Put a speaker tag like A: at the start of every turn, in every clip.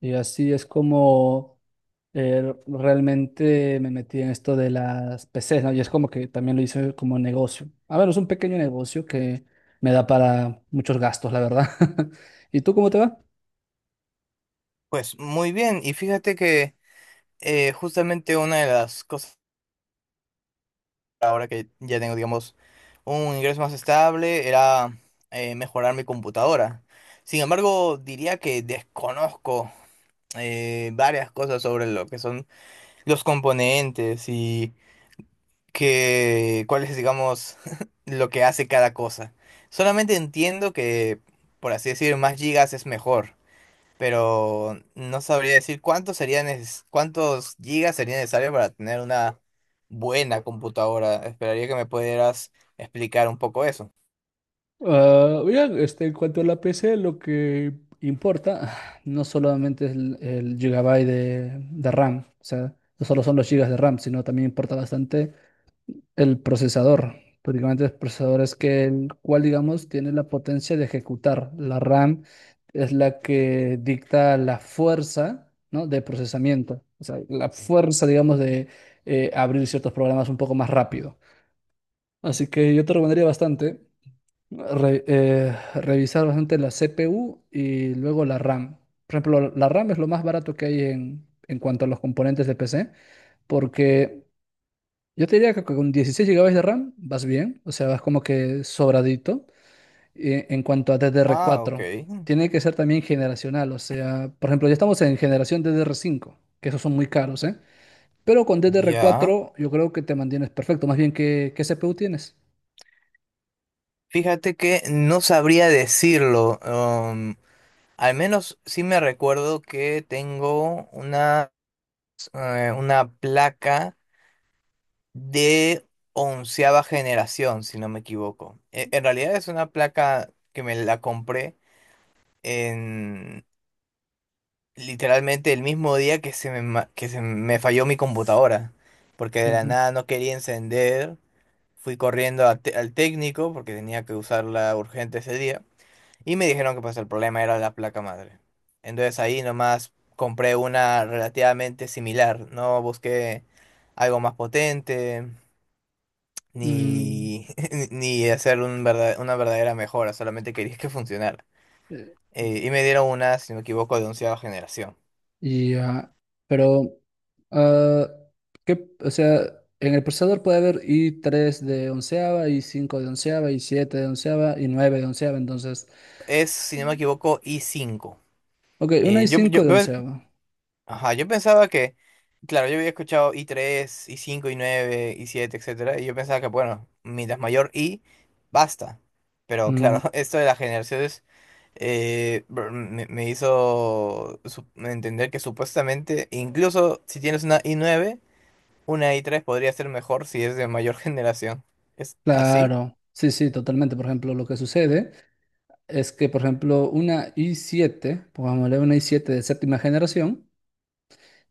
A: Y así es como realmente me metí en esto de las PCs, ¿no? Y es como que también lo hice como negocio. A ver, es un pequeño negocio que me da para muchos gastos, la verdad. ¿Y tú cómo te va?
B: Pues muy bien, y fíjate que justamente una de las cosas ahora que ya tengo, digamos, un ingreso más estable era mejorar mi computadora. Sin embargo, diría que desconozco varias cosas sobre lo que son los componentes y que cuál es, digamos, lo que hace cada cosa. Solamente entiendo que, por así decir, más gigas es mejor. Pero no sabría decir cuántos gigas sería necesario para tener una buena computadora. Esperaría que me pudieras explicar un poco eso.
A: Ah, bien, en cuanto a la PC, lo que importa no solamente es el gigabyte de RAM, o sea, no solo son los gigas de RAM, sino también importa bastante el procesador. Prácticamente el procesador es que el cual, digamos, tiene la potencia de ejecutar. La RAM es la que dicta la fuerza, ¿no? De procesamiento, o sea, la fuerza, digamos, de abrir ciertos programas un poco más rápido. Así que yo te recomendaría bastante revisar bastante la CPU y luego la RAM. Por ejemplo, la RAM es lo más barato que hay en cuanto a los componentes de PC, porque yo te diría que con 16 gigabytes de RAM vas bien, o sea, vas como que sobradito. En cuanto a ddr
B: Ah, ok.
A: cuatro, tiene que ser también generacional. O sea, por ejemplo, ya estamos en generación ddr cinco, que esos son muy caros, ¿eh? Pero con ddr
B: Ya.
A: cuatro yo creo que te mantienes perfecto. Más bien, qué CPU tienes?
B: Fíjate que no sabría decirlo. Al menos sí me recuerdo que tengo una placa de onceava generación, si no me equivoco. En realidad es una placa que me la compré en literalmente el mismo día que que se me falló mi computadora, porque de la
A: Ujú.
B: nada no quería encender, fui corriendo al técnico porque tenía que usarla urgente ese día, y me dijeron que pues el problema era la placa madre. Entonces ahí nomás compré una relativamente similar, no busqué algo más potente,
A: Mm,
B: ni, ni hacer una verdadera mejora, solamente quería que funcionara.
A: eh,
B: Y me dieron una, si no me equivoco, de onceava generación.
A: y, ah, pero, ah, ¿qué- o sea, en el procesador puede haber i tres de onceava, i cinco de onceava, i siete de onceava y 9 de onceava, entonces...
B: Es, si no me equivoco, i cinco.
A: Ok, una
B: Eh,
A: y
B: yo,
A: cinco
B: yo,
A: de
B: yo-
A: onceavo.
B: ajá, yo pensaba que, claro, yo había escuchado i tres i cinco i nueve i siete etcétera, y yo pensaba que, bueno, mientras mayor I, basta. Pero
A: Mm,
B: claro, esto de las generaciones me hizo entender que supuestamente, incluso si tienes una i nueve una i tres podría ser mejor si es de mayor generación. ¿Es así?
A: claro, sí, totalmente. Por ejemplo, lo que sucede es que, por ejemplo, una y siete, pongámosle una y siete de séptima generación,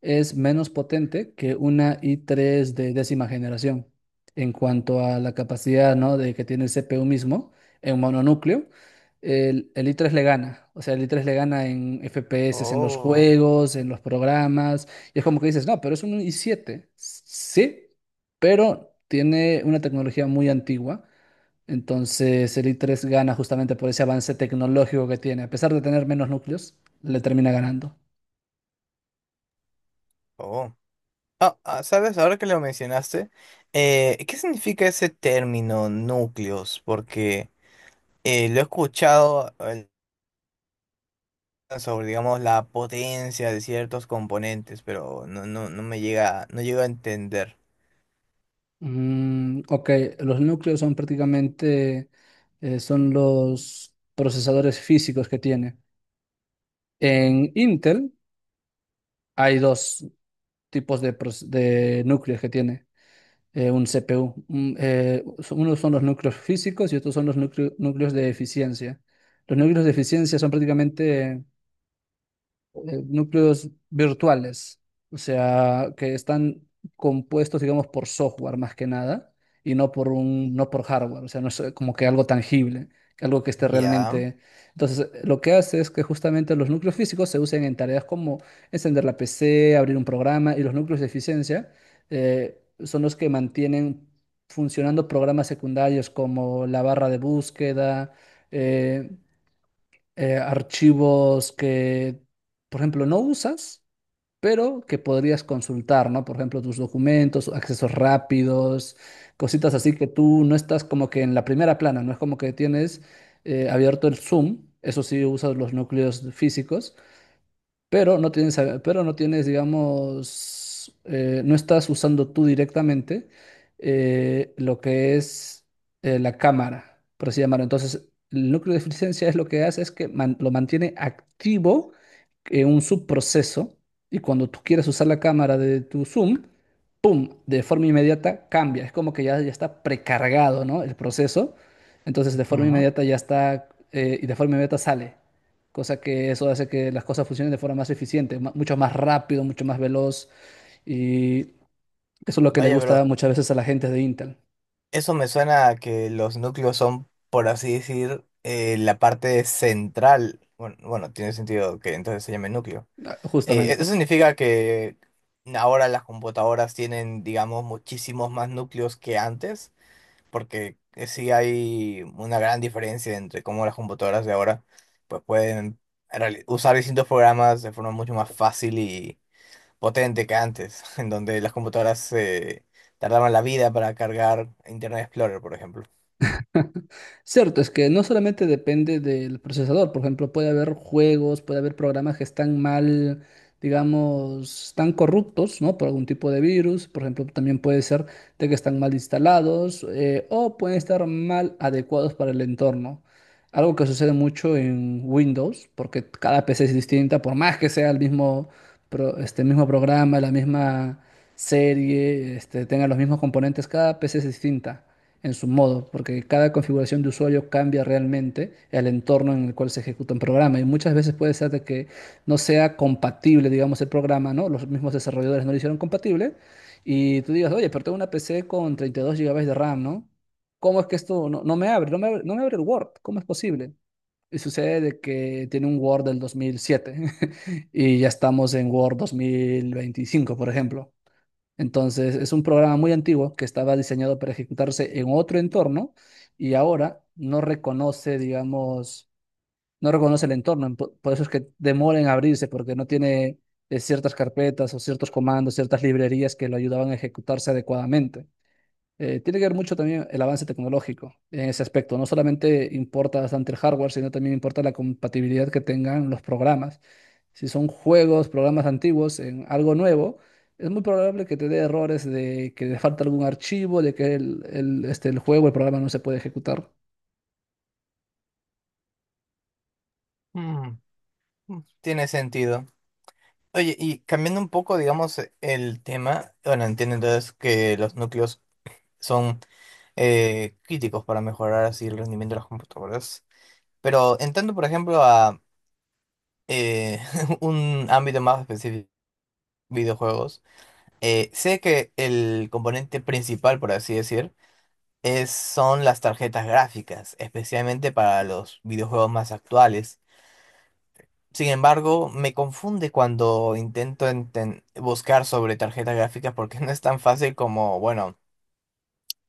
A: es menos potente que una i3 de décima generación en cuanto a la capacidad, ¿no? De que tiene el CPU mismo en mononúcleo. El i3 le gana, o sea, el i3 le gana en FPS, en los
B: Oh,
A: juegos, en los programas, y es como que dices, no, pero es un i7. Sí, pero tiene una tecnología muy antigua, entonces el i3 gana justamente por ese avance tecnológico que tiene. A pesar de tener menos núcleos, le termina ganando.
B: oh. Ah, ah, ¿sabes? Ahora que lo mencionaste, ¿qué significa ese término núcleos? Porque lo he escuchado sobre, digamos, la potencia de ciertos componentes, pero no me llega, no llego a entender.
A: Mm, ok, los núcleos son prácticamente son los procesadores físicos que tiene. En Intel hay dos tipos de, de núcleos que tiene un CPU. Unos son los núcleos físicos y otros son los núcleos de eficiencia. Los núcleos de eficiencia son prácticamente núcleos virtuales, o sea, que están compuestos, digamos, por software más que nada, y no por un, no por hardware. O sea, no es como que algo tangible, algo que esté
B: Ya.
A: realmente. Entonces, lo que hace es que justamente los núcleos físicos se usen en tareas como encender la PC, abrir un programa, y los núcleos de eficiencia son los que mantienen funcionando programas secundarios como la barra de búsqueda, eh, archivos que, por ejemplo, no usas, pero que podrías consultar, ¿no? Por ejemplo, tus documentos, accesos rápidos, cositas así que tú no estás como que en la primera plana. No es como que tienes abierto el Zoom, eso sí usas los núcleos físicos, pero pero no tienes, digamos, no estás usando tú directamente lo que es la cámara, por así llamarlo. Entonces, el núcleo de eficiencia es lo que hace es que lo mantiene activo en un subproceso, y cuando tú quieres usar la cámara de tu Zoom, ¡pum!, de forma inmediata cambia. Es como que ya, ya está precargado, ¿no? El proceso. Entonces, de forma
B: Ujú.
A: inmediata ya está, y de forma inmediata sale, cosa que eso hace que las cosas funcionen de forma más eficiente, mucho más rápido, mucho más veloz, y eso es lo que le
B: Vaya,
A: gusta
B: pero
A: muchas veces a la gente de Intel.
B: eso me suena a que los núcleos son, por así decir, la parte central. Bueno, bueno, tiene sentido que entonces se llame núcleo.
A: Ah,
B: Eso
A: justamente.
B: significa que ahora las computadoras tienen, digamos, muchísimos más núcleos que antes, porque sí hay una gran diferencia entre cómo las computadoras de ahora pues pueden usar distintos programas de forma mucho más fácil y potente que antes, en donde las computadoras tardaban la vida para cargar Internet Explorer, por ejemplo.
A: Cierto, es que no solamente depende del procesador. Por ejemplo, puede haber juegos, puede haber programas que están mal, digamos, están corruptos, ¿no? Por algún tipo de virus. Por ejemplo, también puede ser de que están mal instalados, o pueden estar mal adecuados para el entorno. Algo que sucede mucho en Windows, porque cada PC es distinta, por más que sea el mismo, este mismo programa, la misma serie, este, tenga los mismos componentes, cada PC es distinta en su modo, porque cada configuración de usuario cambia realmente el entorno en el cual se ejecuta un programa, y muchas veces puede ser de que no sea compatible, digamos, el programa, ¿no? Los mismos desarrolladores no lo hicieron compatible y tú digas, oye, pero tengo una PC con 32 gigabytes de RAM, ¿no? ¿Cómo es que esto no me abre? No me abre, no me abre el Word, ¿cómo es posible? Y sucede de que tiene un Word del 2007 y ya estamos en Word 2025, por ejemplo. Entonces, es un programa muy antiguo que estaba diseñado para ejecutarse en otro entorno y ahora no reconoce, digamos, no reconoce el entorno. Por eso es que demora en abrirse, porque no tiene ciertas carpetas o ciertos comandos, ciertas librerías que lo ayudaban a ejecutarse adecuadamente. Tiene que ver mucho también el avance tecnológico en ese aspecto. No solamente importa bastante el hardware, sino también importa la compatibilidad que tengan los programas. Si son juegos, programas antiguos en algo nuevo, es muy probable que te dé errores de que le falta algún archivo, de que el juego, el programa no se puede ejecutar.
B: Mm, mm, tiene sentido. Oye, y cambiando un poco, digamos, el tema, bueno, entiendo entonces que los núcleos son críticos para mejorar así el rendimiento de las computadoras. Pero entrando, por ejemplo, a eh, un ámbito más específico, videojuegos, sé que el componente principal, por así decir, son las tarjetas gráficas, especialmente para los videojuegos más actuales. Sin embargo, me confunde cuando buscar sobre tarjetas gráficas porque no es tan fácil como, bueno,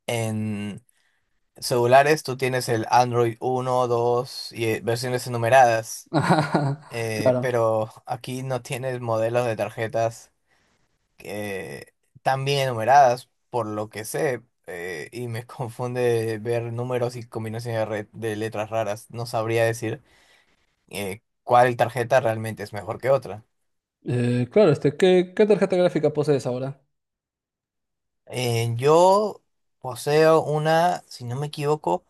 B: en celulares tú tienes el Android uno, 2 y versiones enumeradas,
A: Ajá, claro.
B: pero aquí no tienes modelos de tarjetas eh, tan bien enumeradas, por lo que sé, y me confunde ver números y combinaciones de letras raras. No sabría decir cuál tarjeta realmente es mejor que otra.
A: Claro, este, qué tarjeta gráfica posees ahora?
B: Yo poseo una, si no me equivoco,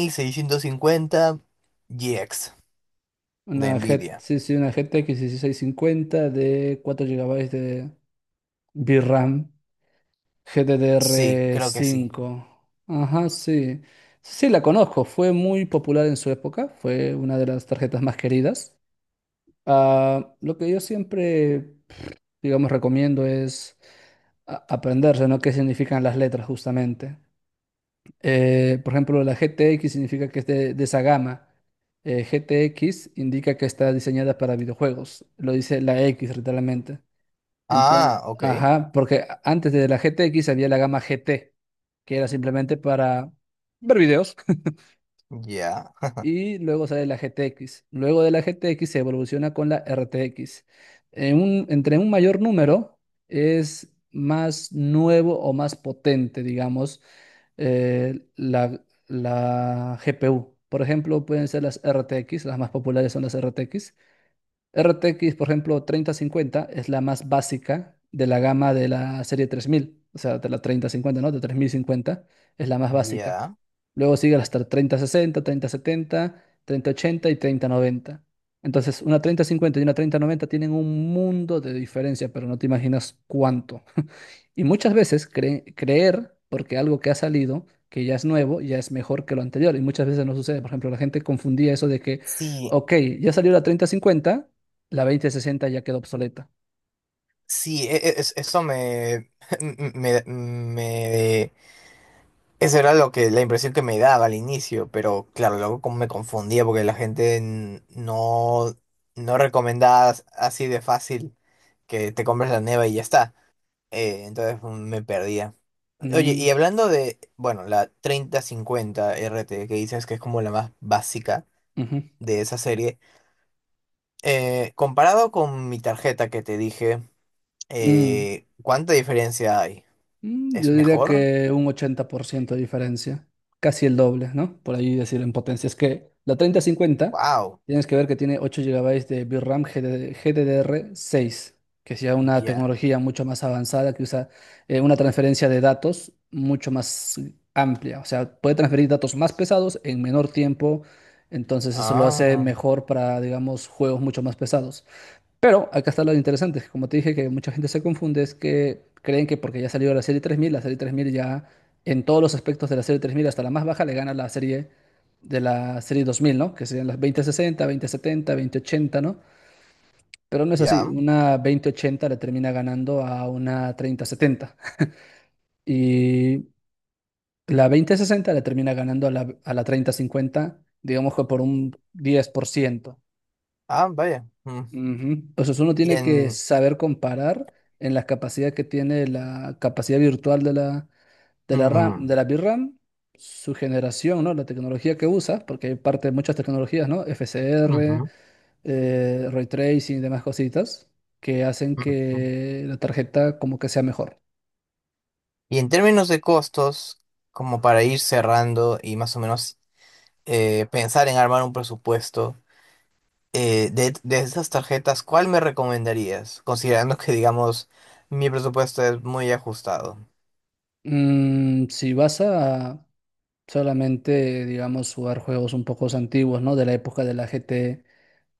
B: 1650 GX de
A: Una G,
B: Nvidia.
A: sí, una GTX 1650 de 4 gigabytes de VRAM.
B: Sí, creo que sí.
A: GDDR5. Ajá, sí. Sí, la conozco. Fue muy popular en su época. Fue una de las tarjetas más queridas. Ah, lo que yo siempre, digamos, recomiendo es aprenderse, ¿no? ¿Qué significan las letras justamente? Por ejemplo, la GTX significa que es de esa gama. GTX indica que está diseñada para videojuegos. Lo dice la X literalmente. Entonces,
B: Ah, ok.
A: ajá, porque antes de la GTX había la gama GT que era simplemente para ver videos.
B: Ya,
A: Y luego sale la GTX. Luego de la GTX se evoluciona con la RTX. Entre un mayor número es más nuevo o más potente, digamos, la GPU. Por ejemplo, pueden ser las RTX, las más populares son las RTX. RTX, por ejemplo, treinta cincuenta es la más básica de la gama de la serie tres mil, o sea, de la treinta cincuenta, ¿no? De 3050 es la más básica.
B: ya.
A: Luego sigue hasta treinta sesenta, treinta setenta, treinta ochenta y treinta noventa. Entonces, una treinta cincuenta y una treinta noventa tienen un mundo de diferencia, pero no te imaginas cuánto. Y muchas veces creer porque algo que ha salido, que ya es nuevo, ya es mejor que lo anterior. Y muchas veces no sucede. Por ejemplo, la gente confundía eso de que,
B: Sí,
A: ok, ya salió la treinta cincuenta, la veinte sesenta ya quedó obsoleta.
B: sí, eso me, me- eso era lo que, la impresión que me daba al inicio, pero claro, luego como me confundía porque la gente no recomendaba así de fácil que te compres la neva y ya está. Entonces mm, me perdía. Oye,
A: Mm,
B: y hablando de, bueno, la treinta cincuenta R T que dices que es como la más básica
A: ujú,
B: de esa serie. Comparado con mi tarjeta que te dije,
A: mm.
B: ¿cuánta diferencia hay?
A: Yo
B: ¿Es
A: diría
B: mejor?
A: que un 80% de diferencia, casi el doble, ¿no? Por ahí decir en potencia. Es que la treinta cincuenta
B: Wow,
A: tienes que ver que tiene 8 gigabytes de VRAM GD GDDR6, que es ya una
B: ya.
A: tecnología mucho más avanzada, que usa una transferencia de datos mucho más amplia. O sea, puede transferir datos más pesados en menor tiempo, entonces eso lo hace
B: Ah,
A: mejor para, digamos, juegos mucho más pesados. Pero acá está lo interesante, que como te dije que mucha gente se confunde, es que creen que porque ya salió la serie 3000, la serie 3000 ya en todos los aspectos de la serie 3000 hasta la más baja, le gana la serie 2000, ¿no? Que serían las veinte sesenta, veinte setenta, veinte ochenta, ¿no? Pero no es así,
B: ya.
A: una veinte ochenta le termina ganando a una treinta setenta, y la veinte sesenta le termina ganando a la treinta cincuenta, digamos que por un 10%.
B: Ah, vaya. Mm.
A: Ujú. Pues eso uno
B: Y
A: tiene que
B: en...
A: saber comparar en la capacidad que tiene, la capacidad virtual de la RAM, de
B: mm,
A: la VRAM, su generación, ¿no? La tecnología que usa, porque hay parte de muchas tecnologías, ¿no? FSR,
B: ujú,
A: ray tracing y demás cositas que hacen
B: ujú.
A: que la tarjeta como que sea mejor.
B: Y en términos de costos, como para ir cerrando y más o menos pensar en armar un presupuesto, de esas tarjetas, ¿cuál me recomendarías? Considerando que, digamos, mi presupuesto es muy ajustado.
A: Mm, si vas a solamente, digamos, jugar juegos un poco antiguos, ¿no? De la época de la GT,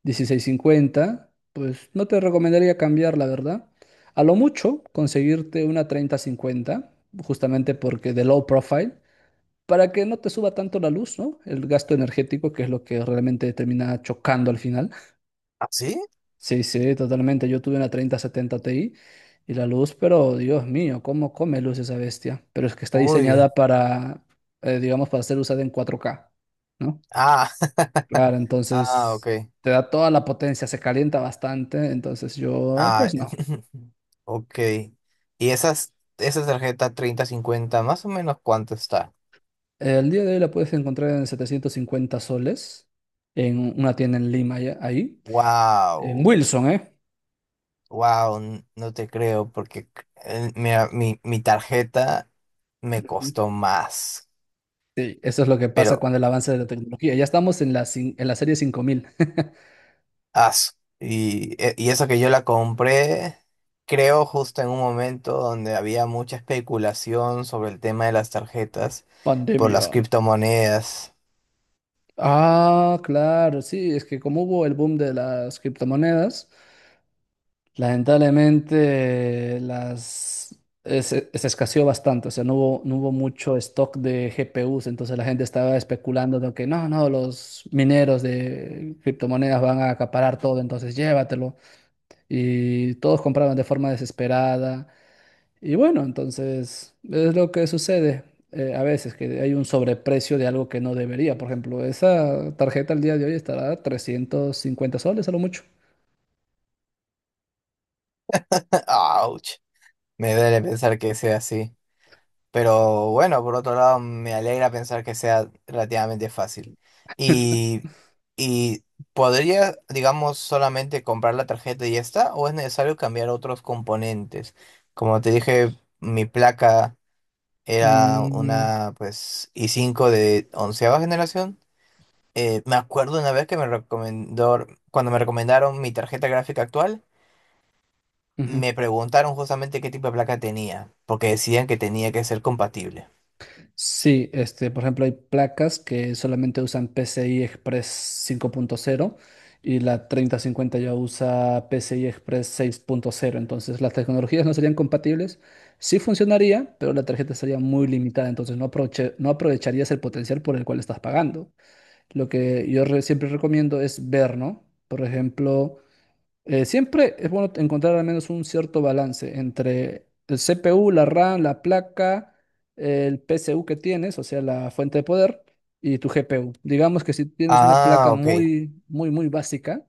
A: dieciséis cincuenta, pues no te recomendaría cambiar, la verdad. A lo mucho, conseguirte una treinta cincuenta justamente porque de low profile, para que no te suba tanto la luz, ¿no? El gasto energético, que es lo que realmente termina chocando al final.
B: ¿Así?
A: Sí, totalmente. Yo tuve una treinta setenta Ti y la luz, pero Dios mío, ¿cómo come luz esa bestia? Pero es que está
B: Uy.
A: diseñada para, digamos, para ser usada en cuatro k, ¿no?
B: Ah,
A: Claro,
B: ah, ok.
A: entonces te da toda la potencia, se calienta bastante, entonces yo,
B: Ah,
A: pues no.
B: ok. Y esas, esa tarjeta treinta, cincuenta, más o menos cuánto está.
A: El día de hoy la puedes encontrar en 750 soles, en una tienda en Lima, ahí, en
B: Wow,
A: Wilson, ¿eh?
B: wow, no te creo, porque mira, mi tarjeta me
A: Ujú.
B: costó más.
A: Sí, eso es lo que pasa
B: Pero,
A: cuando el avance de la tecnología. Ya estamos en la, en la serie cinco mil.
B: as, y eso que yo la compré, creo justo en un momento donde había mucha especulación sobre el tema de las tarjetas por las
A: Pandemia.
B: criptomonedas.
A: Ah, claro, sí, es que como hubo el boom de las criptomonedas, lamentablemente las se escaseó bastante. O sea, no hubo mucho stock de GPUs, entonces la gente estaba especulando de que no, los mineros de criptomonedas van a acaparar todo, entonces llévatelo. Y todos compraban de forma desesperada. Y bueno, entonces es lo que sucede a veces, que hay un sobreprecio de algo que no debería. Por ejemplo, esa tarjeta al día de hoy estará a 350 soles a lo mucho.
B: Ouch. Me duele pensar que sea así, pero bueno, por otro lado, me alegra pensar que sea relativamente fácil. Y, y podría, digamos, solamente comprar la tarjeta y ya está, o es necesario cambiar otros componentes. Como te dije, mi placa era
A: Mm,
B: una, pues, i cinco de onceava generación. Me acuerdo una vez que cuando me recomendaron mi tarjeta gráfica actual,
A: ujú.
B: me preguntaron justamente qué tipo de placa tenía, porque decían que tenía que ser compatible.
A: Sí, este, por ejemplo, hay placas que solamente usan PCI Express 5.0, y la 3050 ya usa PCI Express 6.0, entonces las tecnologías no serían compatibles. Sí funcionaría, pero la tarjeta sería muy limitada, entonces no aprovecharías el potencial por el cual estás pagando. Lo que yo siempre recomiendo es ver, ¿no? Por ejemplo, siempre es bueno encontrar al menos un cierto balance entre el CPU, la RAM, la placa, el PSU que tienes, o sea, la fuente de poder, y tu GPU. Digamos que si tienes una placa
B: Ah, ok.
A: muy, muy, muy básica,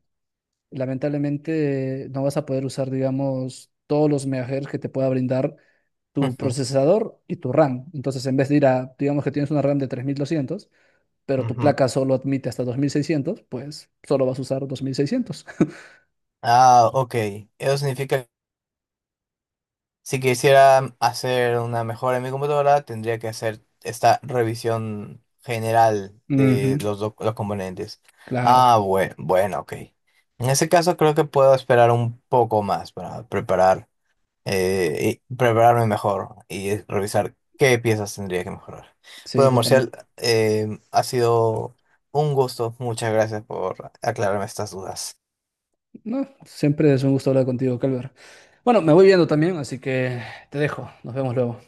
A: lamentablemente no vas a poder usar, digamos, todos los megahertz que te pueda brindar tu procesador y tu RAM. Entonces, en vez de ir a, digamos que tienes una RAM de tres mil doscientos, pero tu
B: Ujú.
A: placa solo admite hasta dos mil seiscientos, pues solo vas a usar 2600.
B: Ah, ok. Eso significa que si quisiera hacer una mejora en mi computadora, tendría que hacer esta revisión general de
A: Ujú,
B: los componentes.
A: claro.
B: Ah, bueno, bueno, ok. En ese caso creo que puedo esperar un poco más para preparar. Y prepararme mejor y revisar qué piezas tendría que mejorar.
A: Sí,
B: Bueno, Marcial,
A: totalmente.
B: eh, ha sido un gusto. Muchas gracias por aclararme estas dudas.
A: No, siempre es un gusto hablar contigo, Calver. Bueno, me voy viendo también, así que te dejo. Nos vemos luego.